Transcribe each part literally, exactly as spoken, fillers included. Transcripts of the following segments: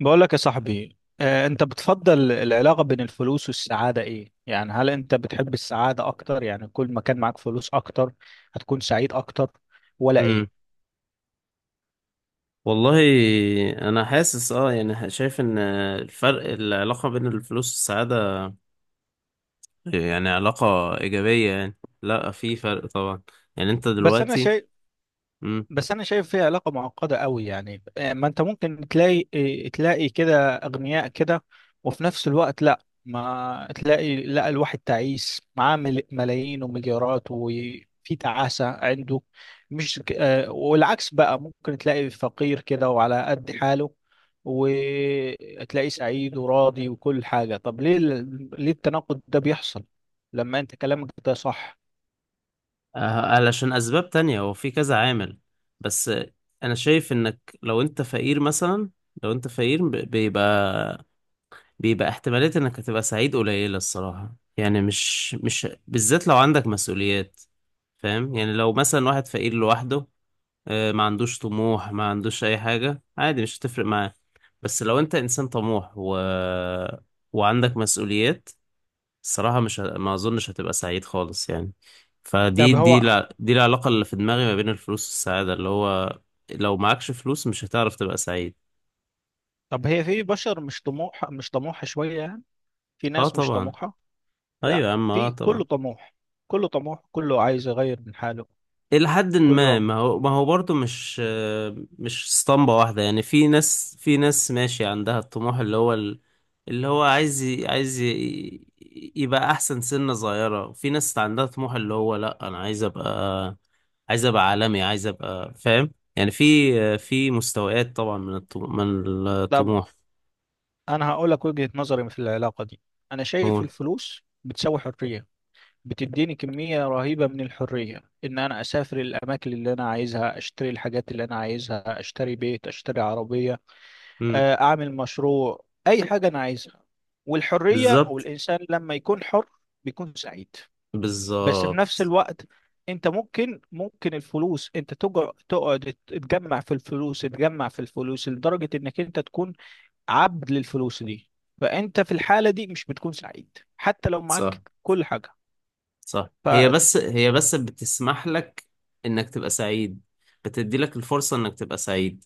بقول لك يا صاحبي آه، انت بتفضل العلاقة بين الفلوس والسعادة ايه؟ يعني هل انت بتحب السعادة اكتر؟ يعني كل ما كان معاك فلوس اكتر هتكون سعيد اكتر ولا امم ايه؟ والله، انا حاسس اه يعني شايف ان الفرق العلاقة بين الفلوس والسعادة، يعني علاقة ايجابية، يعني لا، في فرق طبعا. يعني انت بس انا دلوقتي. شيء، امم بس انا شايف فيها علاقه معقده قوي. يعني آه، ما انت ممكن تلاقي، آه، تلاقي كده اغنياء كده وفي نفس الوقت لا، ما تلاقي، لا، الواحد تعيس معاه مل- ملايين ومليارات وفي تعاسه عنده. مش ك- آه، والعكس بقى ممكن تلاقي فقير كده وعلى قد حاله وتلاقيه سعيد وراضي وكل حاجه. طب ليه ال- ليه التناقض ده بيحصل لما انت كلامك ده صح؟ علشان اسباب تانية، هو في كذا عامل بس. انا شايف انك لو انت فقير مثلا، لو انت فقير ب- بيبقى بيبقى احتمالية انك هتبقى سعيد قليلة الصراحة، يعني مش مش بالذات لو عندك مسؤوليات. فاهم؟ يعني لو مثلا واحد فقير لوحده، آه، ما عندوش طموح، ما عندوش اي حاجة، عادي مش هتفرق معاه. بس لو انت انسان طموح و... وعندك مسؤوليات، الصراحة مش ه... ما اظنش هتبقى سعيد خالص يعني. فدي طب دي هو، الع... دي العلاقة اللي في دماغي ما بين الفلوس والسعادة، اللي هو لو معكش فلوس مش هتعرف تبقى سعيد. طب هي في بشر مش طموح، مش طموحه شويه، في اه ناس مش طبعا. طموحة. لا، ايوه يا عم، اه في طبعا. كله طموح، كله طموح، كله عايز يغير من حاله، إلى حد ما، كله. ما هو ما هو برضه مش مش اسطمبة واحدة يعني. في ناس في ناس ماشي عندها الطموح اللي هو ال- اللي هو عايز ي- عايز ي- يبقى أحسن سنة صغيرة، وفي ناس عندها طموح اللي هو لأ، أنا عايز أبقى، عايز أبقى عالمي، عايز أبقى فاهم يعني. في في مستويات طبعا، من الطموح، من طب الطموح. أنا هقول لك وجهة نظري في العلاقة دي. أنا شايف نقول. الفلوس بتساوي حرية، بتديني كمية رهيبة من الحرية، إن أنا أسافر الأماكن اللي أنا عايزها، أشتري الحاجات اللي أنا عايزها، أشتري بيت، أشتري عربية، مم. آه، أعمل مشروع، أي حاجة أنا عايزها. والحرية، بالظبط، والإنسان لما يكون حر بيكون سعيد. بس في نفس بالظبط. الوقت انت ممكن، ممكن الفلوس انت تجر، تقعد تجمع في الفلوس، تجمع في الفلوس لدرجة انك انت تكون عبد للفلوس دي، فانت في الحالة دي مش بتكون سعيد حتى لو صح، معاك كل حاجة. صح. ف، هي بس هي بس بتسمح لك انك تبقى سعيد، بتدي لك الفرصة انك تبقى سعيد.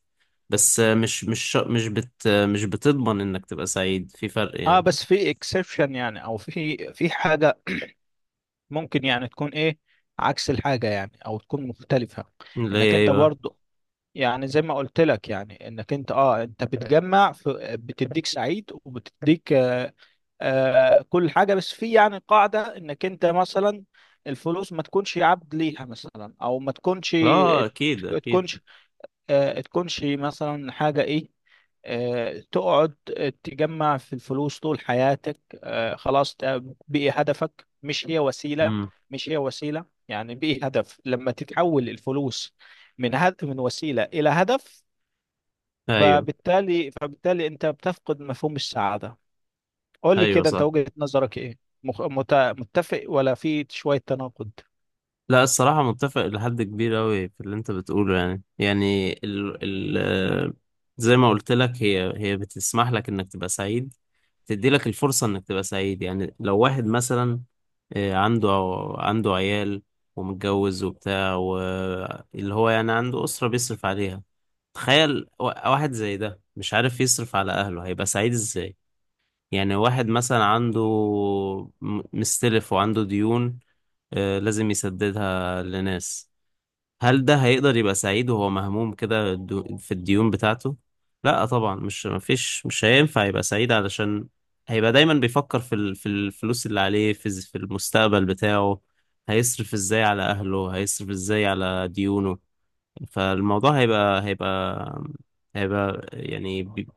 بس مش مش مش بت مش بتضمن انك تبقى سعيد، في فرق اه يعني. بس في اكسبشن يعني، او في في حاجة ممكن يعني تكون ايه، عكس الحاجة يعني، او تكون مختلفة. اللي هي انك ايه انت بقى؟ برضو، يعني زي ما قلت لك يعني انك انت اه، انت بتجمع في، بتديك سعيد وبتديك آه، آه كل حاجة. بس في يعني قاعدة انك انت مثلا الفلوس ما تكونش عبد ليها مثلا، او ما تكونش، اه، اكيد، اكيد. تكونش، آه تكونش مثلا حاجة ايه، آه تقعد تجمع في الفلوس طول حياتك، آه خلاص ده بقي هدفك، مش هي وسيلة، امم. مش هي وسيلة، يعني بقي هدف. لما تتحول الفلوس من هد من وسيلة إلى هدف، ايوه، فبالتالي، فبالتالي انت بتفقد مفهوم السعادة. قول لي ايوه، كده انت صح. وجهة نظرك ايه؟ مخ... مت... متفق ولا في شوية تناقض؟ لا، الصراحة متفق لحد كبير أوي في اللي أنت بتقوله، يعني، يعني ال ال آه، زي ما قلت لك، هي هي بتسمح لك إنك تبقى سعيد، تدي لك الفرصة إنك تبقى سعيد. يعني لو واحد مثلا آه، عنده عنده عيال ومتجوز وبتاع، واللي هو يعني عنده أسرة بيصرف عليها. تخيل وا- واحد زي ده مش عارف يصرف على أهله، هيبقى سعيد إزاي؟ يعني واحد مثلا عنده م- مستلف وعنده ديون، آه، لازم يسددها لناس. هل ده هيقدر يبقى سعيد وهو مهموم كده الدو- في الديون بتاعته؟ لا طبعا، مش مفيش مش هينفع يبقى سعيد، علشان هيبقى دايما بيفكر في ال- في الفلوس اللي عليه، في الز- في المستقبل بتاعه، هيصرف ازاي على اهله، هيصرف ازاي على ديونه. فالموضوع هيبقى هيبقى هيبقى يعني بي-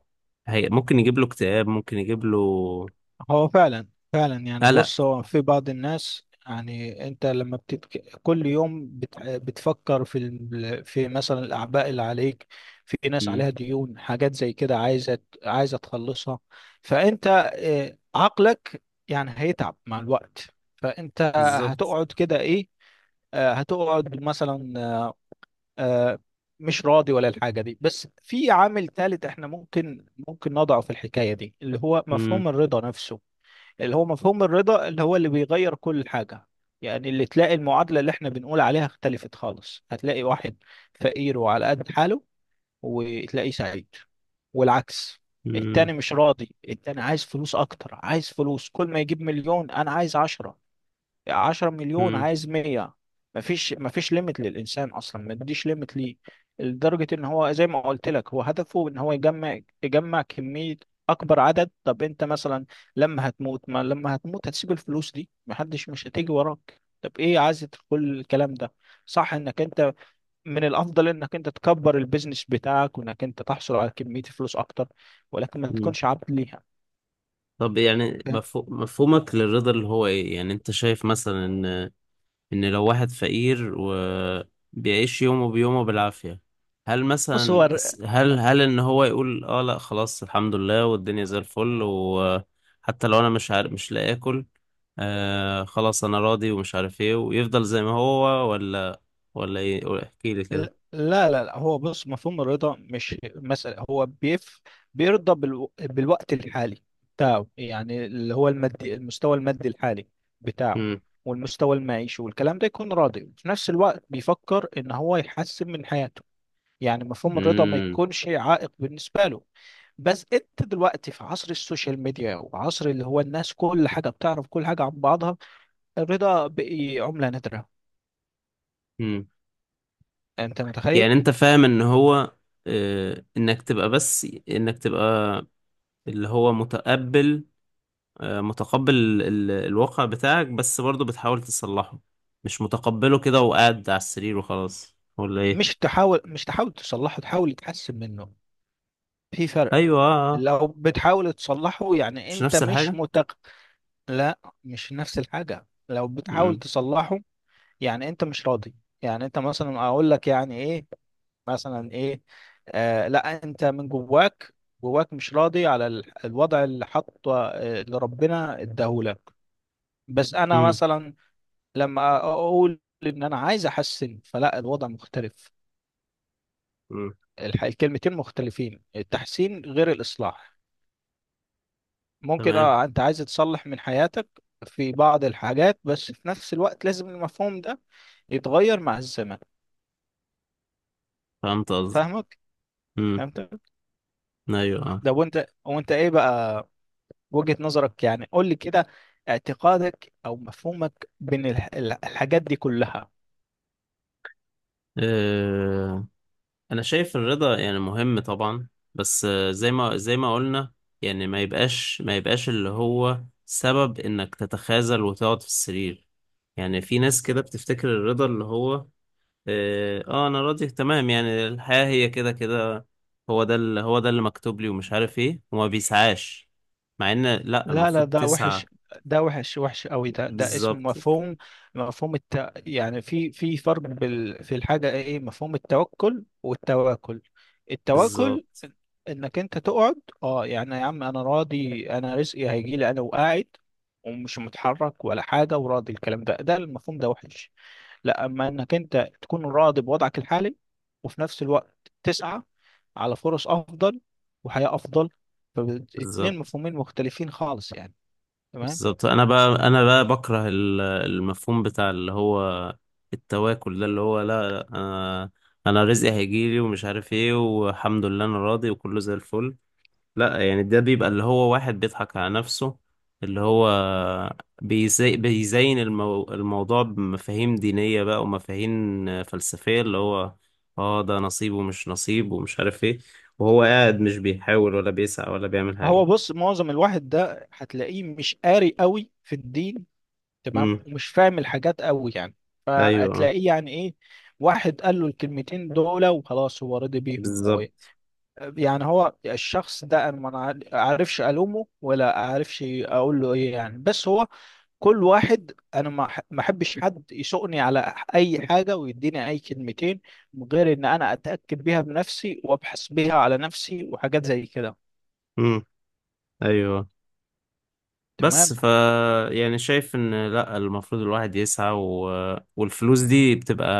هي ممكن يجيب له اكتئاب، ممكن يجيب له هو فعلا، فعلا يعني، قلق. بص هو في بعض الناس يعني انت لما بتتك... كل يوم بت... بتفكر في ال... في مثلا الاعباء اللي عليك، في ناس مم. عليها ديون، حاجات زي كده عايزه، عايزه تخلصها. فانت آه، عقلك يعني هيتعب مع الوقت. فانت بالظبط. هتقعد كده ايه، آه، هتقعد مثلا، آه، مش راضي ولا الحاجة دي. بس في عامل ثالث احنا ممكن، ممكن نضعه في الحكاية دي، اللي هو مم. مفهوم الرضا نفسه. اللي هو مفهوم الرضا، اللي هو اللي بيغير كل حاجة. يعني اللي تلاقي المعادلة اللي احنا بنقول عليها اختلفت خالص. هتلاقي واحد فقير وعلى قد حاله وتلاقيه سعيد، والعكس، مم. التاني مش راضي، التاني عايز فلوس اكتر، عايز فلوس، كل ما يجيب مليون انا عايز عشرة، 10 مليون مم. عايز مية. مفيش، مفيش ليميت للإنسان أصلا، ما تديش ليميت ليه لدرجة إن هو زي ما قلت لك هو هدفه إن هو يجمع، يجمع كمية، أكبر عدد. طب أنت مثلا لما هتموت، ما لما هتموت هتسيب الفلوس دي، محدش، مش هتيجي وراك، طب إيه عايز كل الكلام ده؟ صح، إنك أنت من الأفضل إنك أنت تكبر البيزنس بتاعك وإنك أنت تحصل على كمية فلوس أكتر، ولكن ما مم. تكونش عبد ليها. طب يعني فاهم؟ مفهو- مفهومك للرضا اللي هو ايه؟ يعني انت شايف مثلا ان ان لو واحد فقير وبيعيش يومه بيومه بالعافية، هل بص هو، مثلا س- هل هل ان هو يقول: اه لا خلاص، الحمد لله، والدنيا زي الفل، وحتى لو انا مش عارف، مش لاقي اكل، آه خلاص انا راضي ومش عارف ايه، ويفضل زي ما هو؟ ولا ولا ايه؟ قول- احكي لي كده. لا لا لا، هو بص، مفهوم الرضا مش مسألة هو بيف بيرضى بالو... بالوقت الحالي بتاعه، يعني اللي هو المادي، المستوى المادي الحالي بتاعه، مم. والمستوى المعيشي والكلام ده، يكون راضي وفي نفس الوقت بيفكر ان هو يحسن من حياته. يعني مفهوم الرضا ما مم. يكونش عائق بالنسبة له. بس انت دلوقتي في عصر السوشيال ميديا، وعصر اللي هو الناس كل حاجة بتعرف كل حاجة عن بعضها، الرضا بقي عملة نادرة، مم. انت متخيل؟ يعني انت فاهم ان هو آه، انك تبقى بس انك تبقى اللي هو متقبل، آه، متقبل ال- الواقع بتاعك، بس برضه بتحاول تصلحه، مش متقبله كده وقاعد على السرير وخلاص، ولا ايه؟ مش تحاول، مش تحاول تصلحه، تحاول تحسن منه، في فرق. ايوه، آه، آه. لو بتحاول تصلحه يعني مش انت نفس مش الحاجة. متق، لا مش نفس الحاجة، لو بتحاول امم. تصلحه يعني انت مش راضي. يعني انت مثلا اقول لك يعني ايه، مثلا ايه، آه لا، انت من جواك، جواك مش راضي على ال- الوضع اللي حطه، آه، اللي ربنا اداهولك. بس انا امم. مثلا لما اقول ان انا عايز احسن، فلا الوضع مختلف. أمم. الح- الكلمتين مختلفين، التحسين غير الإصلاح. ممكن تمام، اه انت عايز تصلح من حياتك في بعض الحاجات، بس في نفس الوقت لازم المفهوم ده يتغير مع الزمن. فهمت قصدك. فاهمك، امم. فهمتك. ايوه، آه. ده، وانت، وانت ايه بقى وجهة نظرك؟ يعني قول لي كده اعتقادك او مفهومك بين الح- الح- الحاجات دي كلها. آه، انا شايف الرضا يعني مهم طبعا، بس آه، زي ما زي ما قلنا، يعني ما يبقاش ما يبقاش اللي هو سبب انك تتخاذل وتقعد في السرير. يعني في ناس كده بتفتكر الرضا اللي هو اه آه، انا راضي تمام، يعني الحياة هي كده كده، هو ده اللي هو ده اللي مكتوب لي، ومش عارف ايه، وما بيسعاش، مع ان لا، لا لا، المفروض ده تسعى. وحش، ده وحش، وحش قوي ده، ده اسم بالظبط. مفهوم، مفهوم الت... يعني في في فرق بال... في الحاجة ايه، إيه، مفهوم التوكل والتواكل. التواكل بالظبط. انك انت تقعد، اه يعني يا عم انا راضي، انا رزقي هيجي لي، انا وقاعد ومش متحرك ولا حاجة، وراضي، الكلام ده، ده المفهوم ده وحش. لا اما انك انت تكون راضي بوضعك الحالي وفي نفس الوقت تسعى على فرص افضل وحياة افضل، فاتنين بالظبط. مفهومين مختلفين خالص يعني. تمام. بالظبط. انا بقى انا بقى بكره ال- المفهوم بتاع اللي هو التواكل ده، اللي هو لا، لا، انا انا رزقي هيجيلي، ومش عارف ايه، والحمد لله انا راضي، وكله زي الفل. لا، يعني ده بيبقى اللي هو واحد بيضحك على نفسه، اللي هو بيزي بيزين المو... الموضوع بمفاهيم دينية بقى، ومفاهيم فلسفية، اللي هو اه ده نصيب ومش نصيب ومش عارف ايه، وهو قاعد مش بيحاول ولا بيسعى ولا بيعمل هو حاجة. بص، معظم الواحد ده هتلاقيه مش قاري قوي في الدين، تمام، امم ومش فاهم الحاجات قوي يعني، ايوه، فهتلاقيه يعني ايه، واحد قال له الكلمتين دول وخلاص هو رضي بيهم و... بالظبط. يعني هو الشخص ده انا ما أعر- اعرفش الومه ولا اعرفش اقول له ايه يعني. بس هو كل واحد، انا ما أح- ما احبش حد يسوقني على اي حاجه ويديني اي كلمتين من غير ان انا اتاكد بيها بنفسي وابحث بيها على نفسي وحاجات زي كده. امم ايوه. بس تمام. ف يعني شايف ان لا، المفروض الواحد يسعى، و... والفلوس دي بتبقى،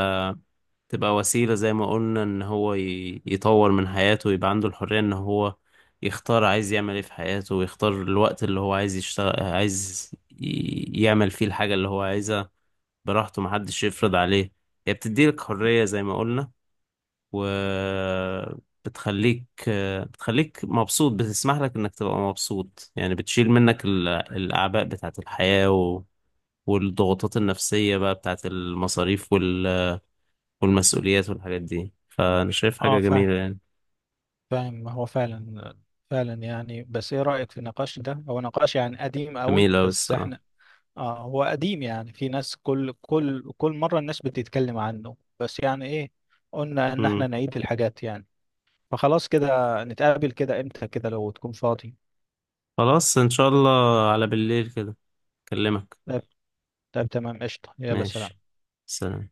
تبقى وسيلة زي ما قلنا ان هو ي... يطور من حياته، ويبقى عنده الحرية ان هو يختار عايز يعمل ايه في حياته، ويختار الوقت اللي هو عايز يشتغل، عايز ي... يعمل فيه الحاجة اللي هو عايزها، براحته، محدش يفرض عليه. هي بتديلك حرية زي ما قلنا، وبتخليك بتخليك مبسوط، بتسمح لك انك تبقى مبسوط، يعني بتشيل منك ال- الاعباء بتاعت الحياة و... والضغوطات النفسية بقى بتاعت المصاريف وال... والمسؤوليات والحاجات دي، فأنا شايف اه حاجة جميلة فاهم، يعني. فاهم. ما هو فعلا، فعلا يعني. بس ايه رأيك في النقاش ده؟ هو نقاش يعني قديم قوي جميلة أوي بس الصراحة. احنا، اه هو قديم، يعني في ناس كل كل كل مرة الناس بتتكلم عنه، بس يعني ايه، قلنا ان مم. احنا نعيد الحاجات يعني. فخلاص كده، نتقابل كده امتى كده لو تكون فاضي؟ خلاص إن شاء الله، على بالليل كده أكلمك. طيب، طيب تمام، قشطة، يلا ماشي، سلام. سلام.